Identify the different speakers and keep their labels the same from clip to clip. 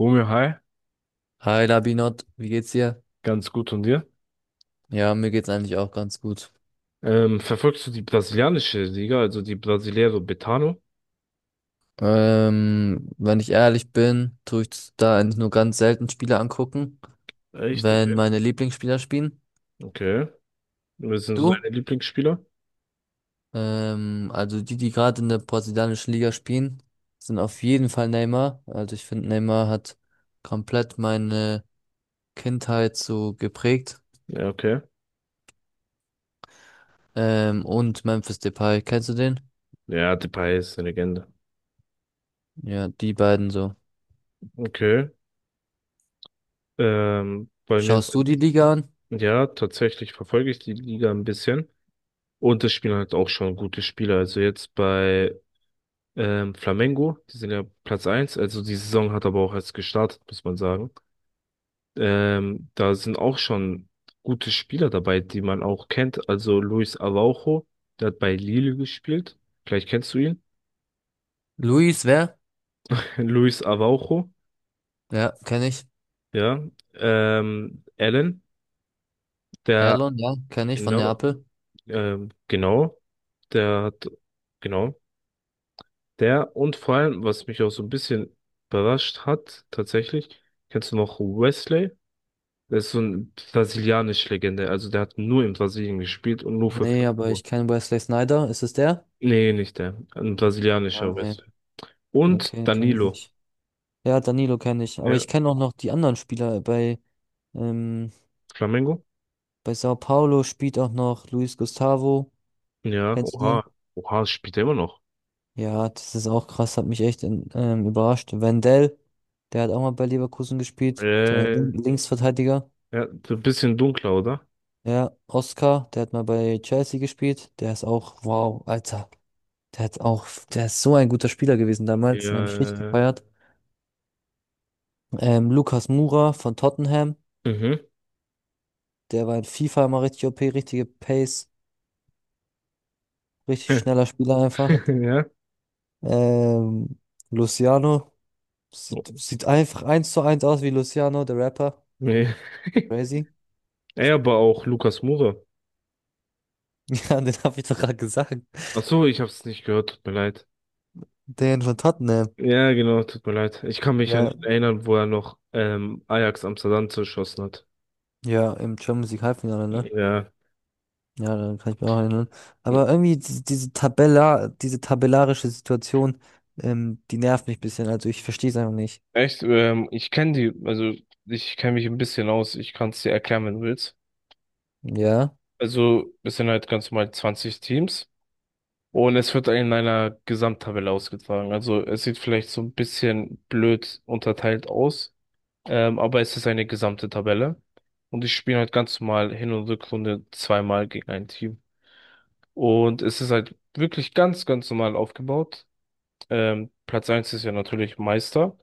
Speaker 1: Romeo, hi,
Speaker 2: Hi Labinot, wie geht's dir?
Speaker 1: ganz gut und dir?
Speaker 2: Ja, mir geht's eigentlich auch ganz gut.
Speaker 1: Verfolgst du die brasilianische Liga, also die Brasileiro Betano?
Speaker 2: Wenn ich ehrlich bin, tue ich da eigentlich nur ganz selten Spiele angucken,
Speaker 1: Echt?
Speaker 2: wenn
Speaker 1: Okay.
Speaker 2: meine Lieblingsspieler spielen.
Speaker 1: Okay. Wer sind so
Speaker 2: Du?
Speaker 1: deine Lieblingsspieler?
Speaker 2: Also die, die gerade in der brasilianischen Liga spielen, sind auf jeden Fall Neymar. Also ich finde, Neymar hat komplett meine Kindheit so geprägt.
Speaker 1: Ja, okay.
Speaker 2: Und Memphis Depay, kennst du den?
Speaker 1: Ja, Depay ist eine Legende.
Speaker 2: Ja, die beiden so.
Speaker 1: Okay. Bei mir
Speaker 2: Schaust du
Speaker 1: sind,
Speaker 2: die Liga an?
Speaker 1: ja, tatsächlich verfolge ich die Liga ein bisschen. Und es spielen halt auch schon gute Spieler. Also jetzt bei Flamengo, die sind ja Platz eins. Also die Saison hat aber auch erst gestartet, muss man sagen. Da sind auch schon gute Spieler dabei, die man auch kennt. Also Luis Araujo, der hat bei Lille gespielt. Vielleicht kennst du ihn.
Speaker 2: Luis, wer?
Speaker 1: Luis Araujo,
Speaker 2: Ja, kenne ich.
Speaker 1: ja. Allen, der,
Speaker 2: Erlon, ja, kenne ich von
Speaker 1: genau,
Speaker 2: Neapel.
Speaker 1: genau, der hat, genau, der und vor allem, was mich auch so ein bisschen überrascht hat, tatsächlich, kennst du noch Wesley? Das ist so eine brasilianische Legende. Also der hat nur in Brasilien gespielt und nur für
Speaker 2: Nee, aber ich
Speaker 1: Flamengo.
Speaker 2: kenne Wesley Snyder. Ist es der?
Speaker 1: Nee, nicht der. Ein brasilianischer
Speaker 2: Ah, nee,
Speaker 1: Wrestler. Und
Speaker 2: okay, kenne ich
Speaker 1: Danilo.
Speaker 2: nicht. Ja, Danilo kenne ich. Aber
Speaker 1: Ja,
Speaker 2: ich kenne auch noch die anderen Spieler. Ähm,
Speaker 1: Flamengo?
Speaker 2: bei Sao Paulo spielt auch noch Luis Gustavo.
Speaker 1: Ja,
Speaker 2: Kennst du den?
Speaker 1: oha. Oha, spielt er immer noch.
Speaker 2: Ja, das ist auch krass, hat mich echt überrascht. Wendell, der hat auch mal bei Leverkusen gespielt. So ein
Speaker 1: Äh,
Speaker 2: Linksverteidiger.
Speaker 1: ja, so ein bisschen dunkler, oder?
Speaker 2: Ja, Oscar, der hat mal bei Chelsea gespielt. Der ist auch, wow, Alter. Der hat auch, der ist so ein guter Spieler gewesen damals, den habe ich richtig
Speaker 1: Ja,
Speaker 2: gefeiert. Lucas Moura von Tottenham,
Speaker 1: mhm.
Speaker 2: der war in FIFA immer richtig OP, richtige Pace, richtig schneller Spieler einfach.
Speaker 1: Ja.
Speaker 2: Ähm, Luciano, sieht einfach eins zu eins aus wie Luciano, der Rapper.
Speaker 1: Nee.
Speaker 2: Crazy.
Speaker 1: Ey, aber auch Lukas Moura.
Speaker 2: Ja, den habe ich doch gerade gesagt.
Speaker 1: Ach so, ich hab's nicht gehört, tut mir leid.
Speaker 2: Den von Tottenham.
Speaker 1: Ja, genau, tut mir leid. Ich kann mich an
Speaker 2: Ja.
Speaker 1: ihn erinnern, wo er noch Ajax Amsterdam zerschossen hat.
Speaker 2: Ja, im Champions League Halbfinale, ne?
Speaker 1: Ja.
Speaker 2: Ja, daran kann ich mich auch erinnern. Aber irgendwie diese tabellarische Situation, die nervt mich ein bisschen. Also ich verstehe es einfach nicht.
Speaker 1: Echt? Ich kenne die, also ich kenne mich ein bisschen aus. Ich kann es dir erklären, wenn du willst.
Speaker 2: Ja.
Speaker 1: Also es sind halt ganz normal 20 Teams und es wird in einer Gesamttabelle ausgetragen. Also es sieht vielleicht so ein bisschen blöd unterteilt aus, aber es ist eine gesamte Tabelle. Und ich spiele halt ganz normal Hin- und Rückrunde zweimal gegen ein Team. Und es ist halt wirklich ganz, ganz normal aufgebaut. Platz eins ist ja natürlich Meister.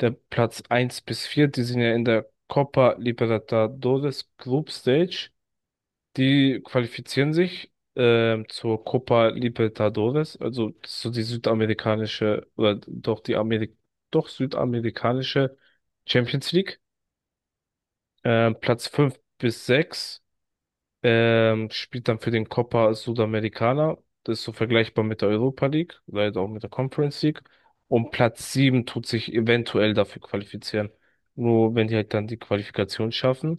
Speaker 1: Der Platz eins bis 4, die sind ja in der Copa Libertadores Group Stage. Die qualifizieren sich zur Copa Libertadores, also so die südamerikanische oder doch die Amerik doch südamerikanische Champions League. Platz 5 bis 6 spielt dann für den Copa Sudamericana. Das ist so vergleichbar mit der Europa League, leider auch mit der Conference League. Und Platz 7 tut sich eventuell dafür qualifizieren. Nur wenn die halt dann die Qualifikation schaffen.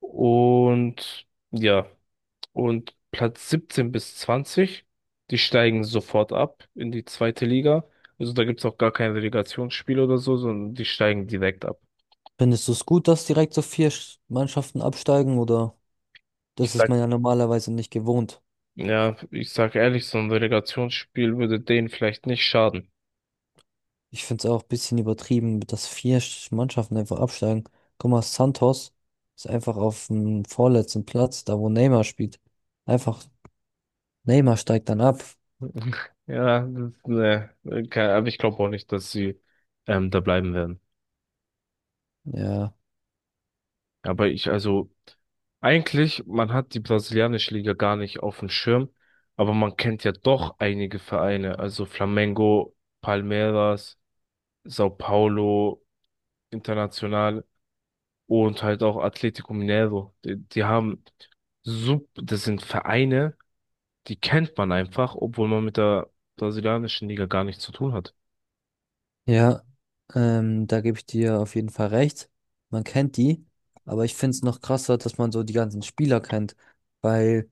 Speaker 1: Und ja. Und Platz 17 bis 20, die steigen sofort ab in die zweite Liga. Also da gibt's auch gar kein Relegationsspiel oder so, sondern die steigen direkt ab.
Speaker 2: Findest du es gut, dass direkt so vier Mannschaften absteigen oder?
Speaker 1: Ich
Speaker 2: Das ist
Speaker 1: sag,
Speaker 2: man ja normalerweise nicht gewohnt.
Speaker 1: ja, ich sag ehrlich, so ein Relegationsspiel würde denen vielleicht nicht schaden.
Speaker 2: Ich finde es auch ein bisschen übertrieben, dass vier Mannschaften einfach absteigen. Guck mal, Santos ist einfach auf dem vorletzten Platz, da wo Neymar spielt. Einfach Neymar steigt dann ab.
Speaker 1: Ja, das, ne, aber ich glaube auch nicht, dass sie da bleiben werden.
Speaker 2: Ja.
Speaker 1: Aber ich, also, eigentlich, man hat die brasilianische Liga gar nicht auf dem Schirm, aber man kennt ja doch einige Vereine, also Flamengo, Palmeiras, Sao Paulo, International und halt auch Atlético Mineiro. Die haben das sind Vereine, die kennt man einfach, obwohl man mit der brasilianischen Liga gar nichts zu tun hat.
Speaker 2: Ja, da gebe ich dir auf jeden Fall recht. Man kennt die, aber ich finde es noch krasser, dass man so die ganzen Spieler kennt, weil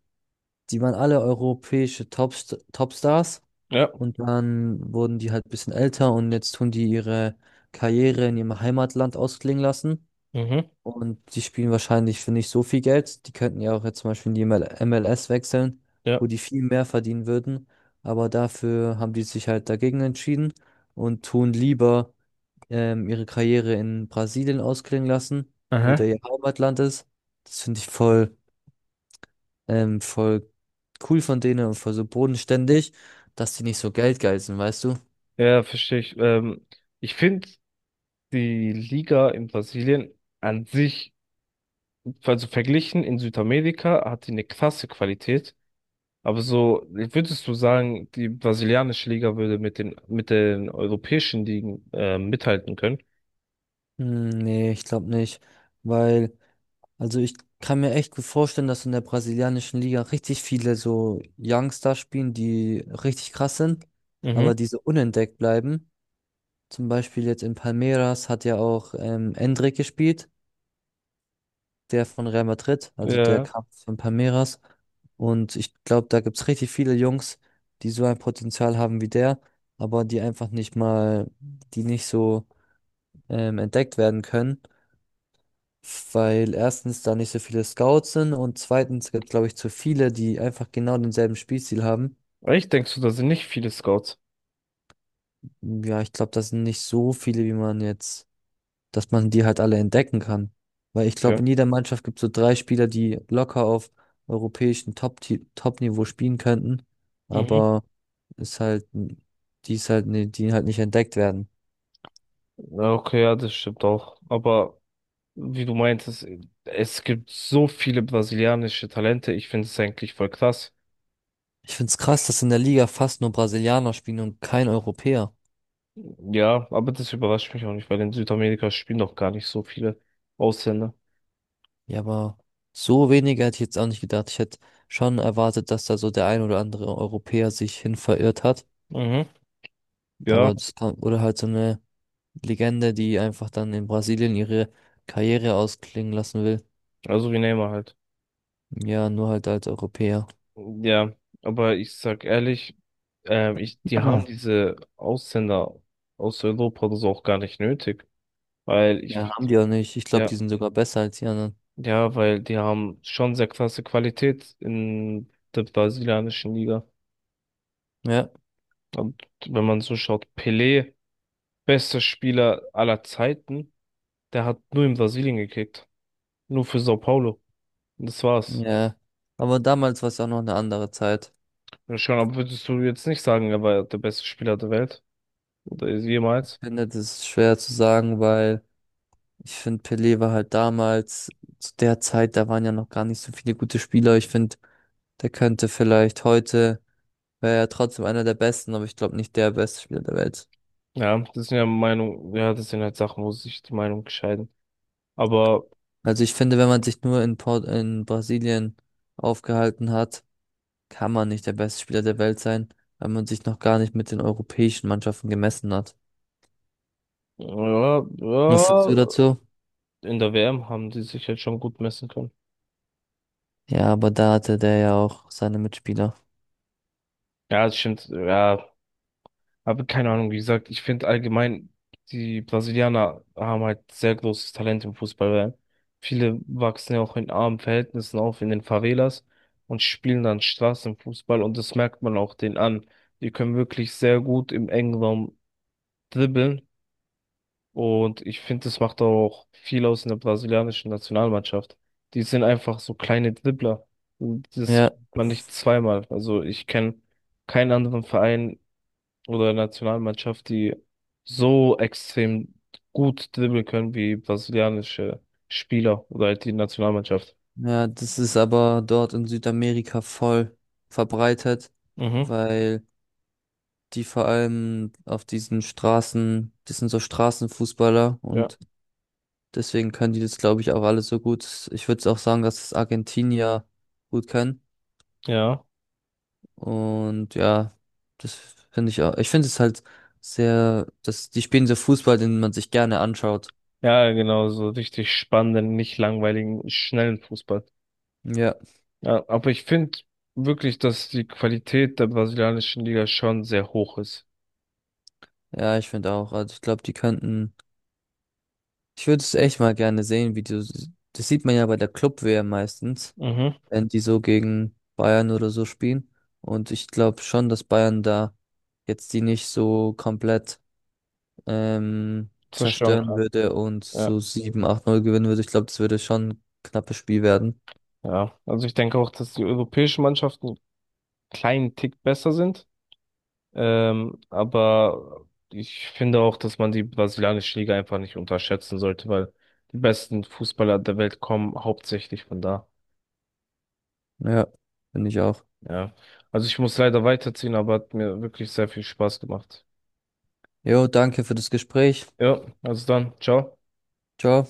Speaker 2: die waren alle europäische Topstars
Speaker 1: Ja,
Speaker 2: und dann wurden die halt ein bisschen älter und jetzt tun die ihre Karriere in ihrem Heimatland ausklingen lassen
Speaker 1: mhm,
Speaker 2: und die spielen wahrscheinlich für nicht so viel Geld. Die könnten ja auch jetzt zum Beispiel in die ML MLS wechseln,
Speaker 1: ja.
Speaker 2: wo die viel mehr verdienen würden, aber dafür haben die sich halt dagegen entschieden und tun lieber ihre Karriere in Brasilien ausklingen lassen, wo
Speaker 1: Aha.
Speaker 2: der ihr Heimatland ist. Das finde ich voll cool von denen und voll so bodenständig, dass die nicht so geldgeil sind, weißt du?
Speaker 1: Ja, verstehe ich. Ich finde die Liga in Brasilien an sich, also verglichen in Südamerika, hat die eine krasse Qualität. Aber so, würdest du sagen, die brasilianische Liga würde mit den europäischen Ligen mithalten können?
Speaker 2: Hm, nee, ich glaube nicht, weil, also ich kann mir echt gut vorstellen, dass in der brasilianischen Liga richtig viele so Youngster spielen, die richtig krass sind,
Speaker 1: Mhm.
Speaker 2: aber die so unentdeckt bleiben. Zum Beispiel jetzt in Palmeiras hat ja auch Endrick gespielt, der von Real Madrid, also der
Speaker 1: Ja.
Speaker 2: kam von Palmeiras. Und ich glaube, da gibt es richtig viele Jungs, die so ein Potenzial haben wie der, aber die einfach nicht mal, die nicht so entdeckt werden können, weil erstens da nicht so viele Scouts sind und zweitens gibt es, glaube ich, zu viele, die einfach genau denselben Spielstil haben.
Speaker 1: Echt, denkst du, da sind nicht viele Scouts?
Speaker 2: Ja, ich glaube, das sind nicht so viele, wie man jetzt dass man die halt alle entdecken kann. Weil ich glaube,
Speaker 1: Okay.
Speaker 2: in jeder Mannschaft gibt es so drei Spieler, die locker auf europäischem Top-Niveau spielen könnten,
Speaker 1: Mhm.
Speaker 2: aber ist halt, die ist halt, die halt nicht entdeckt werden.
Speaker 1: Ja, okay, ja, das stimmt auch. Aber wie du meintest, es gibt so viele brasilianische Talente. Ich finde es eigentlich voll krass.
Speaker 2: Ich finde es krass, dass in der Liga fast nur Brasilianer spielen und kein Europäer.
Speaker 1: Ja, aber das überrascht mich auch nicht, weil in Südamerika spielen doch gar nicht so viele Ausländer.
Speaker 2: Ja, aber so wenige hätte ich jetzt auch nicht gedacht. Ich hätte schon erwartet, dass da so der ein oder andere Europäer sich hin verirrt hat.
Speaker 1: Mhm. Ja,
Speaker 2: Aber das kann, oder halt so eine Legende, die einfach dann in Brasilien ihre Karriere ausklingen lassen will.
Speaker 1: also wie Neymar halt.
Speaker 2: Ja, nur halt als Europäer.
Speaker 1: Ja, aber ich sag ehrlich, ich, die haben
Speaker 2: Ah.
Speaker 1: diese Ausländer aus Europa oder so auch gar nicht nötig, weil
Speaker 2: Ja,
Speaker 1: ich,
Speaker 2: haben die auch nicht. Ich glaube,
Speaker 1: ja,
Speaker 2: die sind sogar besser als die anderen.
Speaker 1: ja, weil die haben schon sehr krasse Qualität in der brasilianischen Liga.
Speaker 2: Ja,
Speaker 1: Und wenn man so schaut, Pelé, bester Spieler aller Zeiten, der hat nur in Brasilien gekickt, nur für Sao Paulo. Und das war's.
Speaker 2: ja. Aber damals war es auch noch eine andere Zeit.
Speaker 1: Ja, schon, aber würdest du jetzt nicht sagen, er war der beste Spieler der Welt oder ist
Speaker 2: Ich
Speaker 1: jemals?
Speaker 2: finde, das ist schwer zu sagen, weil ich finde, Pelé war halt damals, zu der Zeit, da waren ja noch gar nicht so viele gute Spieler. Ich finde, der könnte vielleicht heute, wäre er trotzdem einer der besten, aber ich glaube nicht der beste Spieler der Welt.
Speaker 1: Ja, das sind ja Meinung, ja, das sind halt Sachen, wo sich die Meinung scheiden. Aber
Speaker 2: Also ich finde, wenn man sich nur in Brasilien aufgehalten hat, kann man nicht der beste Spieler der Welt sein, weil man sich noch gar nicht mit den europäischen Mannschaften gemessen hat.
Speaker 1: ja, ja,
Speaker 2: Was sagst du dazu?
Speaker 1: in der WM haben die sich halt schon gut messen können.
Speaker 2: Ja, aber da hatte der ja auch seine Mitspieler.
Speaker 1: Ja, das stimmt, ja, aber keine Ahnung, wie gesagt, ich finde allgemein, die Brasilianer haben halt sehr großes Talent im Fußball, weil viele wachsen ja auch in armen Verhältnissen auf, in den Favelas und spielen dann Straßenfußball und das merkt man auch denen an. Die können wirklich sehr gut im engen Raum dribbeln. Und ich finde, das macht auch viel aus in der brasilianischen Nationalmannschaft. Die sind einfach so kleine Dribbler. Und das
Speaker 2: Ja,
Speaker 1: man nicht zweimal. Also ich kenne keinen anderen Verein oder Nationalmannschaft, die so extrem gut dribbeln können wie brasilianische Spieler oder halt die Nationalmannschaft.
Speaker 2: ja, das ist aber dort in Südamerika voll verbreitet,
Speaker 1: Mhm.
Speaker 2: weil die vor allem auf diesen Straßen, das sind so Straßenfußballer
Speaker 1: Ja.
Speaker 2: und deswegen können die das, glaube ich, auch alles so gut. Ich würde auch sagen, dass es Argentinier gut können.
Speaker 1: Ja.
Speaker 2: Und ja, das finde ich auch. Ich finde es halt sehr, dass die spielen so Fußball, den man sich gerne anschaut.
Speaker 1: Ja, genau, so richtig spannenden, nicht langweiligen, schnellen Fußball.
Speaker 2: Ja,
Speaker 1: Ja, aber ich finde wirklich, dass die Qualität der brasilianischen Liga schon sehr hoch ist.
Speaker 2: ja, ich finde auch. Also ich glaube, die könnten. Ich würde es echt mal gerne sehen, wie die, das sieht man ja bei der Club-WM meistens,
Speaker 1: Mhm.
Speaker 2: wenn die so gegen Bayern oder so spielen. Und ich glaube schon, dass Bayern da jetzt die nicht so komplett ähm,
Speaker 1: Zerstören
Speaker 2: zerstören
Speaker 1: kann.
Speaker 2: würde und
Speaker 1: Ja,
Speaker 2: so sieben acht null gewinnen würde. Ich glaube, das würde schon ein knappes Spiel werden.
Speaker 1: ja. Also ich denke auch, dass die europäischen Mannschaften einen kleinen Tick besser sind. Aber ich finde auch, dass man die brasilianische Liga einfach nicht unterschätzen sollte, weil die besten Fußballer der Welt kommen hauptsächlich von da.
Speaker 2: Ja, finde ich auch.
Speaker 1: Ja. Also ich muss leider weiterziehen, aber hat mir wirklich sehr viel Spaß gemacht.
Speaker 2: Jo, danke für das Gespräch.
Speaker 1: Ja, also dann, ciao.
Speaker 2: Ciao.